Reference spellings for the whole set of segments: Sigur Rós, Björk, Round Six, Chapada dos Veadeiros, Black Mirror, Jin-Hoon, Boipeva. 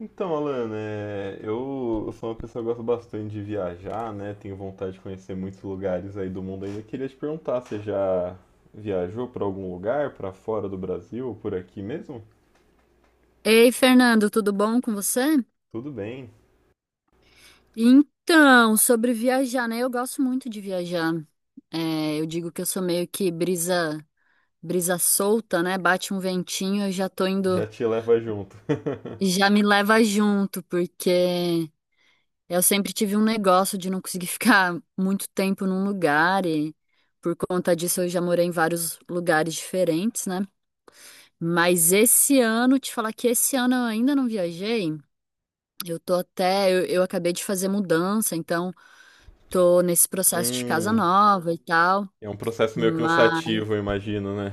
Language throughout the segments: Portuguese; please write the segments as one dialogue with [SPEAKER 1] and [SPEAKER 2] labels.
[SPEAKER 1] Então, Alan, eu sou uma pessoa que gosta bastante de viajar, né? Tenho vontade de conhecer muitos lugares aí do mundo ainda. Queria te perguntar, você já viajou para algum lugar, para fora do Brasil, ou por aqui mesmo?
[SPEAKER 2] Ei, Fernando, tudo bom com você?
[SPEAKER 1] Tudo bem,
[SPEAKER 2] Então, sobre viajar, né? Eu gosto muito de viajar. É, eu digo que eu sou meio que brisa solta, né? Bate um ventinho, eu já tô indo,
[SPEAKER 1] já te leva junto.
[SPEAKER 2] já me leva junto, porque eu sempre tive um negócio de não conseguir ficar muito tempo num lugar e por conta disso eu já morei em vários lugares diferentes, né? Mas esse ano, te falar que esse ano eu ainda não viajei. Eu tô até, eu acabei de fazer mudança, então tô nesse processo de casa
[SPEAKER 1] Hum,
[SPEAKER 2] nova e tal,
[SPEAKER 1] é um processo meio
[SPEAKER 2] mas
[SPEAKER 1] cansativo, eu imagino, né?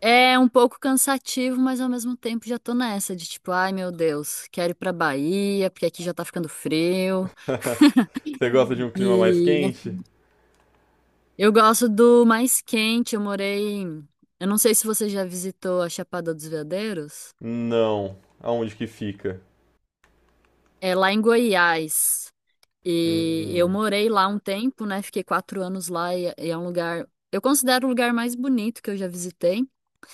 [SPEAKER 2] é um pouco cansativo, mas ao mesmo tempo já tô nessa de tipo, ai meu Deus, quero ir pra Bahia, porque aqui já tá ficando frio.
[SPEAKER 1] Você gosta de um clima mais
[SPEAKER 2] E
[SPEAKER 1] quente?
[SPEAKER 2] eu gosto do mais quente, eu não sei se você já visitou a Chapada dos Veadeiros,
[SPEAKER 1] Não. Aonde que fica?
[SPEAKER 2] é lá em Goiás. E eu
[SPEAKER 1] Hum,
[SPEAKER 2] morei lá um tempo, né? Fiquei 4 anos lá e é um lugar, eu considero o lugar mais bonito que eu já visitei.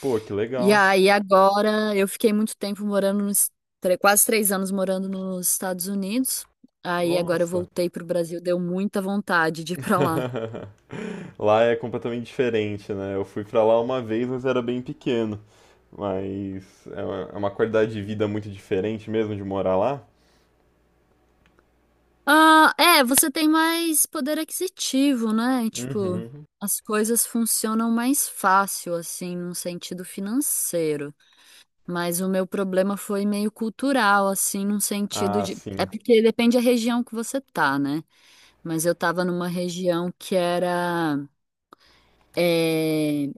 [SPEAKER 1] pô, que
[SPEAKER 2] E
[SPEAKER 1] legal.
[SPEAKER 2] aí agora eu fiquei muito tempo morando nos quase 3 anos morando nos Estados Unidos. Aí agora eu
[SPEAKER 1] Nossa.
[SPEAKER 2] voltei pro Brasil, deu muita vontade de ir pra lá.
[SPEAKER 1] Lá é completamente diferente, né? Eu fui pra lá uma vez, mas era bem pequeno. Mas é uma qualidade de vida muito diferente mesmo de morar lá.
[SPEAKER 2] Ah, é, você tem mais poder aquisitivo, né? Tipo,
[SPEAKER 1] Uhum.
[SPEAKER 2] as coisas funcionam mais fácil, assim, num sentido financeiro. Mas o meu problema foi meio cultural, assim, num sentido
[SPEAKER 1] Ah,
[SPEAKER 2] de. É
[SPEAKER 1] sim.
[SPEAKER 2] porque depende da região que você tá? Mas eu tava numa região que era, é,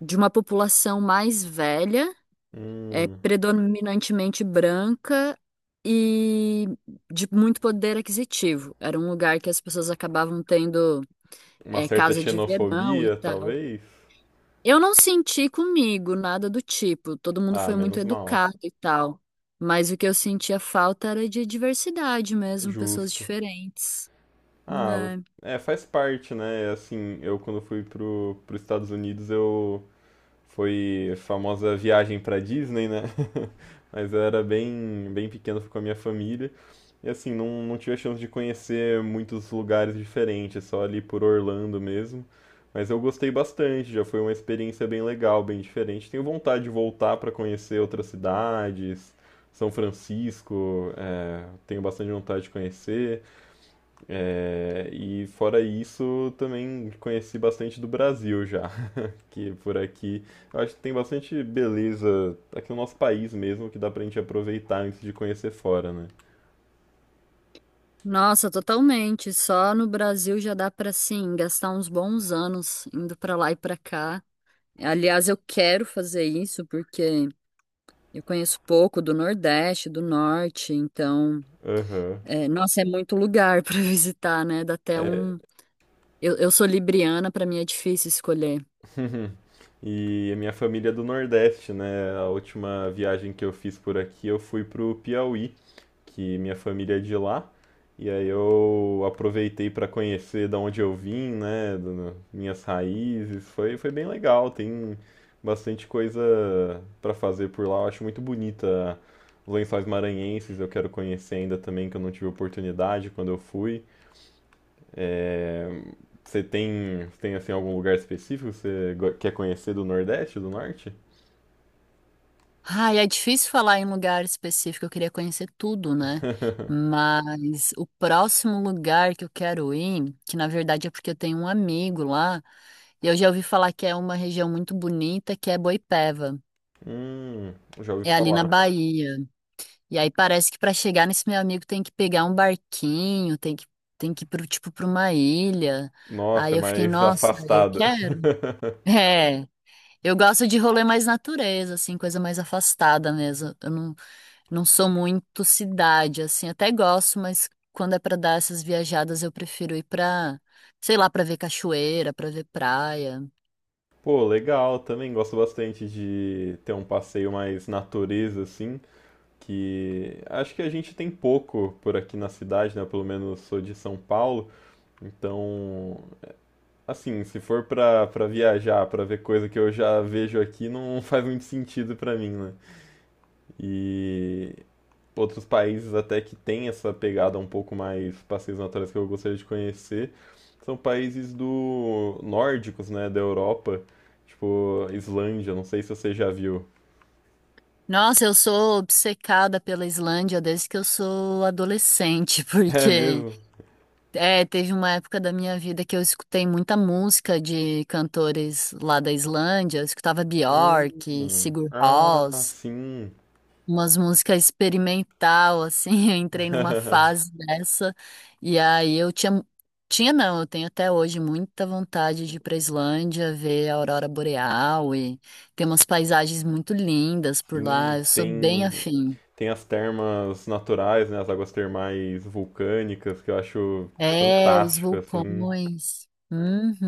[SPEAKER 2] de uma população mais velha,
[SPEAKER 1] Hum.
[SPEAKER 2] predominantemente branca e de muito poder aquisitivo. Era um lugar que as pessoas acabavam tendo,
[SPEAKER 1] Uma certa
[SPEAKER 2] casa de verão e
[SPEAKER 1] xenofobia,
[SPEAKER 2] tal.
[SPEAKER 1] talvez.
[SPEAKER 2] Eu não senti comigo nada do tipo, todo mundo
[SPEAKER 1] Ah,
[SPEAKER 2] foi muito
[SPEAKER 1] menos mal.
[SPEAKER 2] educado e tal. Mas o que eu sentia falta era de diversidade mesmo, pessoas
[SPEAKER 1] Justo.
[SPEAKER 2] diferentes,
[SPEAKER 1] Ah,
[SPEAKER 2] né?
[SPEAKER 1] é, faz parte, né? É Assim, eu quando fui pros Estados Unidos, eu foi a famosa viagem pra Disney, né? Mas eu era bem pequeno, fui com a minha família. E assim, não tive a chance de conhecer muitos lugares diferentes, só ali por Orlando mesmo. Mas eu gostei bastante, já foi uma experiência bem legal, bem diferente. Tenho vontade de voltar para conhecer outras cidades, São Francisco, tenho bastante vontade de conhecer. É, e fora isso, também conheci bastante do Brasil já que por aqui. Eu acho que tem bastante beleza aqui no nosso país mesmo que dá pra gente aproveitar antes de conhecer fora, né?
[SPEAKER 2] Nossa, totalmente. Só no Brasil já dá pra, assim, gastar uns bons anos indo pra lá e pra cá. Aliás, eu quero fazer isso porque eu conheço pouco do Nordeste, do Norte, então,
[SPEAKER 1] Aham.
[SPEAKER 2] nossa, é muito lugar para visitar, né? Dá até
[SPEAKER 1] É.
[SPEAKER 2] um. Eu sou libriana, para mim é difícil escolher.
[SPEAKER 1] E a minha família é do Nordeste, né? A última viagem que eu fiz por aqui, eu fui pro Piauí, que minha família é de lá. E aí eu aproveitei para conhecer da onde eu vim, né, minhas raízes. Foi bem legal, tem bastante coisa para fazer por lá. Eu acho muito bonita os Lençóis Maranhenses, eu quero conhecer ainda também, que eu não tive oportunidade quando eu fui. É, você tem assim algum lugar específico que você quer conhecer do Nordeste, do Norte?
[SPEAKER 2] Ai, é difícil falar em lugar específico, eu queria conhecer tudo, né? Mas o próximo lugar que eu quero ir, que na verdade é porque eu tenho um amigo lá, e eu já ouvi falar que é uma região muito bonita, que é Boipeva.
[SPEAKER 1] Hum, já ouvi
[SPEAKER 2] É ali na
[SPEAKER 1] falar.
[SPEAKER 2] Bahia. E aí parece que para chegar nesse meu amigo tem que pegar um barquinho, tem que ir pro tipo para uma ilha.
[SPEAKER 1] Nossa,
[SPEAKER 2] Aí
[SPEAKER 1] é
[SPEAKER 2] eu fiquei,
[SPEAKER 1] mais
[SPEAKER 2] nossa, eu
[SPEAKER 1] afastada.
[SPEAKER 2] quero. É, eu gosto de rolê mais natureza, assim, coisa mais afastada mesmo. Eu não sou muito cidade, assim, até gosto, mas quando é para dar essas viajadas eu prefiro ir pra, sei lá, pra ver cachoeira, pra ver praia.
[SPEAKER 1] Pô, legal, também gosto bastante de ter um passeio mais natureza, assim, que acho que a gente tem pouco por aqui na cidade, né? Pelo menos sou de São Paulo, então, assim, se for pra viajar, pra ver coisa que eu já vejo aqui, não faz muito sentido pra mim, né? E outros países até que têm essa pegada um pouco mais passeios naturais que eu gostaria de conhecer são países do nórdicos, né, da Europa, tipo Islândia, não sei se você já viu.
[SPEAKER 2] Nossa, eu sou obcecada pela Islândia desde que eu sou adolescente,
[SPEAKER 1] É
[SPEAKER 2] porque
[SPEAKER 1] mesmo?
[SPEAKER 2] Teve uma época da minha vida que eu escutei muita música de cantores lá da Islândia. Eu escutava Björk,
[SPEAKER 1] Hum.
[SPEAKER 2] Sigur
[SPEAKER 1] Ah,
[SPEAKER 2] Rós,
[SPEAKER 1] sim.
[SPEAKER 2] umas músicas experimental, assim. Eu entrei numa fase dessa e aí eu tinha, tinha não, eu tenho até hoje muita vontade de ir pra Islândia, ver a aurora boreal e tem umas paisagens muito lindas por lá.
[SPEAKER 1] Sim,
[SPEAKER 2] Eu sou bem
[SPEAKER 1] tem
[SPEAKER 2] afim.
[SPEAKER 1] tem as termas naturais, né, as águas termais vulcânicas que eu acho
[SPEAKER 2] É, os
[SPEAKER 1] fantástico assim.
[SPEAKER 2] vulcões.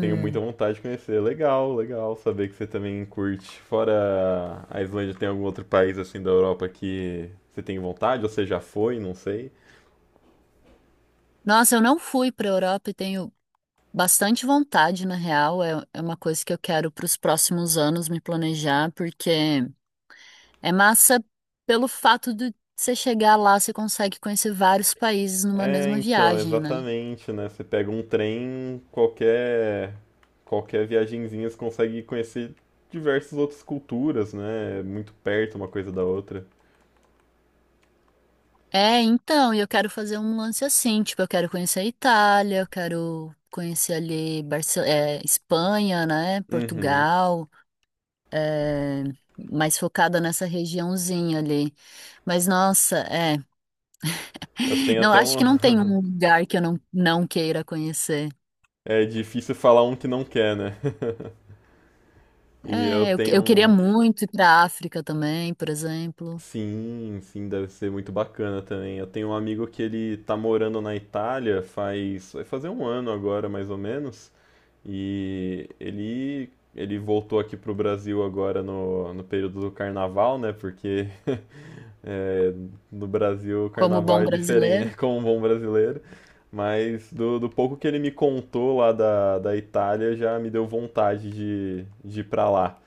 [SPEAKER 1] Tenho muita vontade de conhecer. Legal, legal saber que você também curte. Fora a Islândia, tem algum outro país assim da Europa que você tem vontade, ou você já foi, não sei.
[SPEAKER 2] Nossa, eu não fui para Europa e tenho bastante vontade, na real, é uma coisa que eu quero para os próximos anos me planejar, porque é massa pelo fato de você chegar lá, você consegue conhecer vários países numa
[SPEAKER 1] É,
[SPEAKER 2] mesma
[SPEAKER 1] então,
[SPEAKER 2] viagem, né?
[SPEAKER 1] exatamente, né? Você pega um trem, qualquer viagenzinha você consegue conhecer diversas outras culturas, né? É Muito perto uma coisa da outra.
[SPEAKER 2] É, então, e eu quero fazer um lance assim, tipo, eu quero conhecer a Itália, eu quero conhecer ali Espanha, né?
[SPEAKER 1] Uhum.
[SPEAKER 2] Portugal, é, mais focada nessa regiãozinha ali. Mas, nossa,
[SPEAKER 1] Eu tenho
[SPEAKER 2] Não,
[SPEAKER 1] até
[SPEAKER 2] acho
[SPEAKER 1] um
[SPEAKER 2] que não tem um lugar que eu não queira conhecer.
[SPEAKER 1] é difícil falar um que não quer, né? E eu
[SPEAKER 2] É,
[SPEAKER 1] tenho
[SPEAKER 2] eu queria
[SPEAKER 1] um
[SPEAKER 2] muito ir para a África também, por exemplo,
[SPEAKER 1] sim, sim, deve ser muito bacana também. Eu tenho um amigo que ele tá morando na Itália faz, vai fazer um ano agora, mais ou menos, e ele voltou aqui pro Brasil agora no período do carnaval, né? Porque é, no Brasil o
[SPEAKER 2] como
[SPEAKER 1] carnaval
[SPEAKER 2] bom
[SPEAKER 1] é
[SPEAKER 2] brasileiro.
[SPEAKER 1] diferente, como um bom brasileiro. Mas do pouco que ele me contou lá da Itália, já me deu vontade de ir pra lá.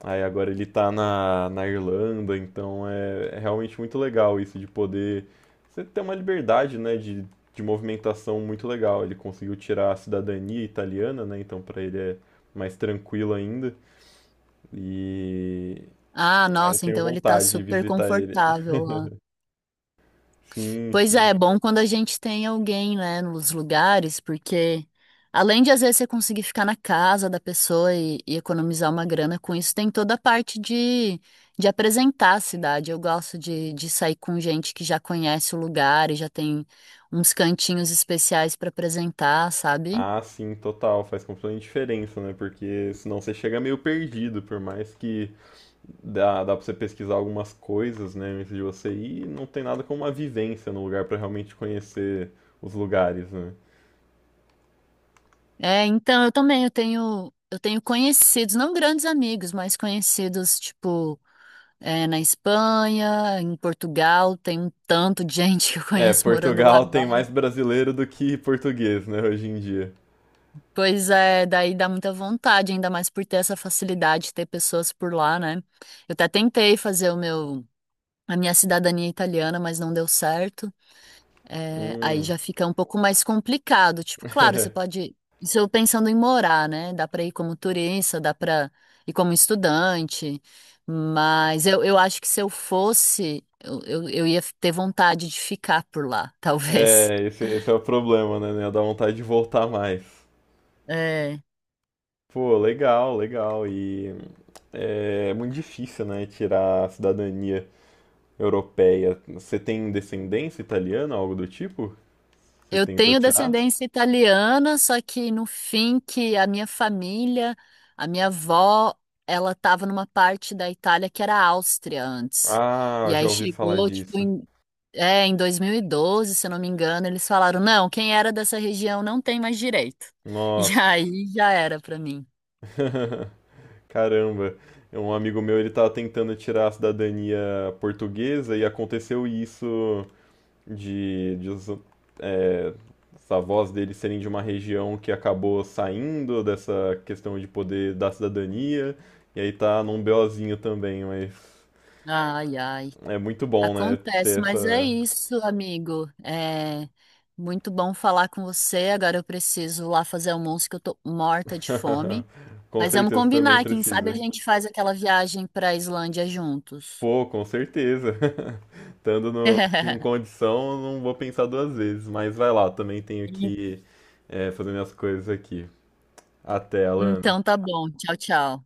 [SPEAKER 1] Aí agora ele tá na Irlanda, então é realmente muito legal isso de poder. Você ter uma liberdade, né, de movimentação muito legal. Ele conseguiu tirar a cidadania italiana, né, então pra ele é mais tranquilo ainda. E
[SPEAKER 2] Ah,
[SPEAKER 1] aí eu
[SPEAKER 2] nossa,
[SPEAKER 1] tenho
[SPEAKER 2] então ele tá
[SPEAKER 1] vontade de
[SPEAKER 2] super
[SPEAKER 1] visitar ele.
[SPEAKER 2] confortável lá.
[SPEAKER 1] Sim,
[SPEAKER 2] Pois é,
[SPEAKER 1] sim.
[SPEAKER 2] é bom quando a gente tem alguém, né, nos lugares, porque além de às vezes você conseguir ficar na casa da pessoa e economizar uma grana com isso, tem toda a parte de apresentar a cidade. Eu gosto de sair com gente que já conhece o lugar e já tem uns cantinhos especiais para apresentar, sabe?
[SPEAKER 1] Ah, sim, total. Faz completamente diferença, né? Porque senão você chega meio perdido, por mais que dá pra você pesquisar algumas coisas, né, antes de você ir, e não tem nada como uma vivência no lugar pra realmente conhecer os lugares, né?
[SPEAKER 2] É, então eu também eu tenho conhecidos, não grandes amigos, mas conhecidos tipo na Espanha, em Portugal, tem um tanto de gente que eu
[SPEAKER 1] É,
[SPEAKER 2] conheço morando lá
[SPEAKER 1] Portugal tem
[SPEAKER 2] agora.
[SPEAKER 1] mais brasileiro do que português, né, hoje em dia.
[SPEAKER 2] Pois é, daí dá muita vontade, ainda mais por ter essa facilidade de ter pessoas por lá, né? Eu até tentei fazer o meu a minha cidadania italiana, mas não deu certo. É, aí
[SPEAKER 1] Hum.
[SPEAKER 2] já fica um pouco mais complicado. Tipo, claro, você pode. Isso eu pensando em morar, né? Dá para ir como turista, dá para ir como estudante. Mas eu acho que se eu fosse, eu ia ter vontade de ficar por lá, talvez.
[SPEAKER 1] É, esse é o problema, né? Dá vontade de voltar mais.
[SPEAKER 2] É.
[SPEAKER 1] Pô, legal, legal. E é, é muito difícil, né, tirar a cidadania europeia. Você tem descendência italiana, algo do tipo? Você
[SPEAKER 2] Eu
[SPEAKER 1] tentou
[SPEAKER 2] tenho
[SPEAKER 1] tirar?
[SPEAKER 2] descendência italiana, só que no fim que a minha família, a minha avó, ela estava numa parte da Itália que era Áustria antes. E
[SPEAKER 1] Ah, já
[SPEAKER 2] aí
[SPEAKER 1] ouvi falar
[SPEAKER 2] chegou, tipo,
[SPEAKER 1] disso.
[SPEAKER 2] em 2012, se eu não me engano, eles falaram, não, quem era dessa região não tem mais direito. E
[SPEAKER 1] Nossa.
[SPEAKER 2] aí já era para mim.
[SPEAKER 1] Caramba. Um amigo meu, ele tava tentando tirar a cidadania portuguesa e aconteceu isso de é, os avós dele serem de uma região que acabou saindo dessa questão de poder da cidadania. E aí tá num BOzinho também, mas
[SPEAKER 2] Ai, ai.
[SPEAKER 1] é muito bom, né? Ter
[SPEAKER 2] Acontece, mas é
[SPEAKER 1] essa.
[SPEAKER 2] isso, amigo. É muito bom falar com você. Agora eu preciso lá fazer almoço que eu tô morta de fome.
[SPEAKER 1] Com
[SPEAKER 2] Mas vamos
[SPEAKER 1] certeza também
[SPEAKER 2] combinar, quem sabe a
[SPEAKER 1] precisa.
[SPEAKER 2] gente faz aquela viagem para a Islândia juntos.
[SPEAKER 1] Pô, com certeza. Estando com condição, não vou pensar duas vezes. Mas vai lá, também tenho que fazer minhas coisas aqui. Até, Alana.
[SPEAKER 2] Então tá bom. Tchau, tchau.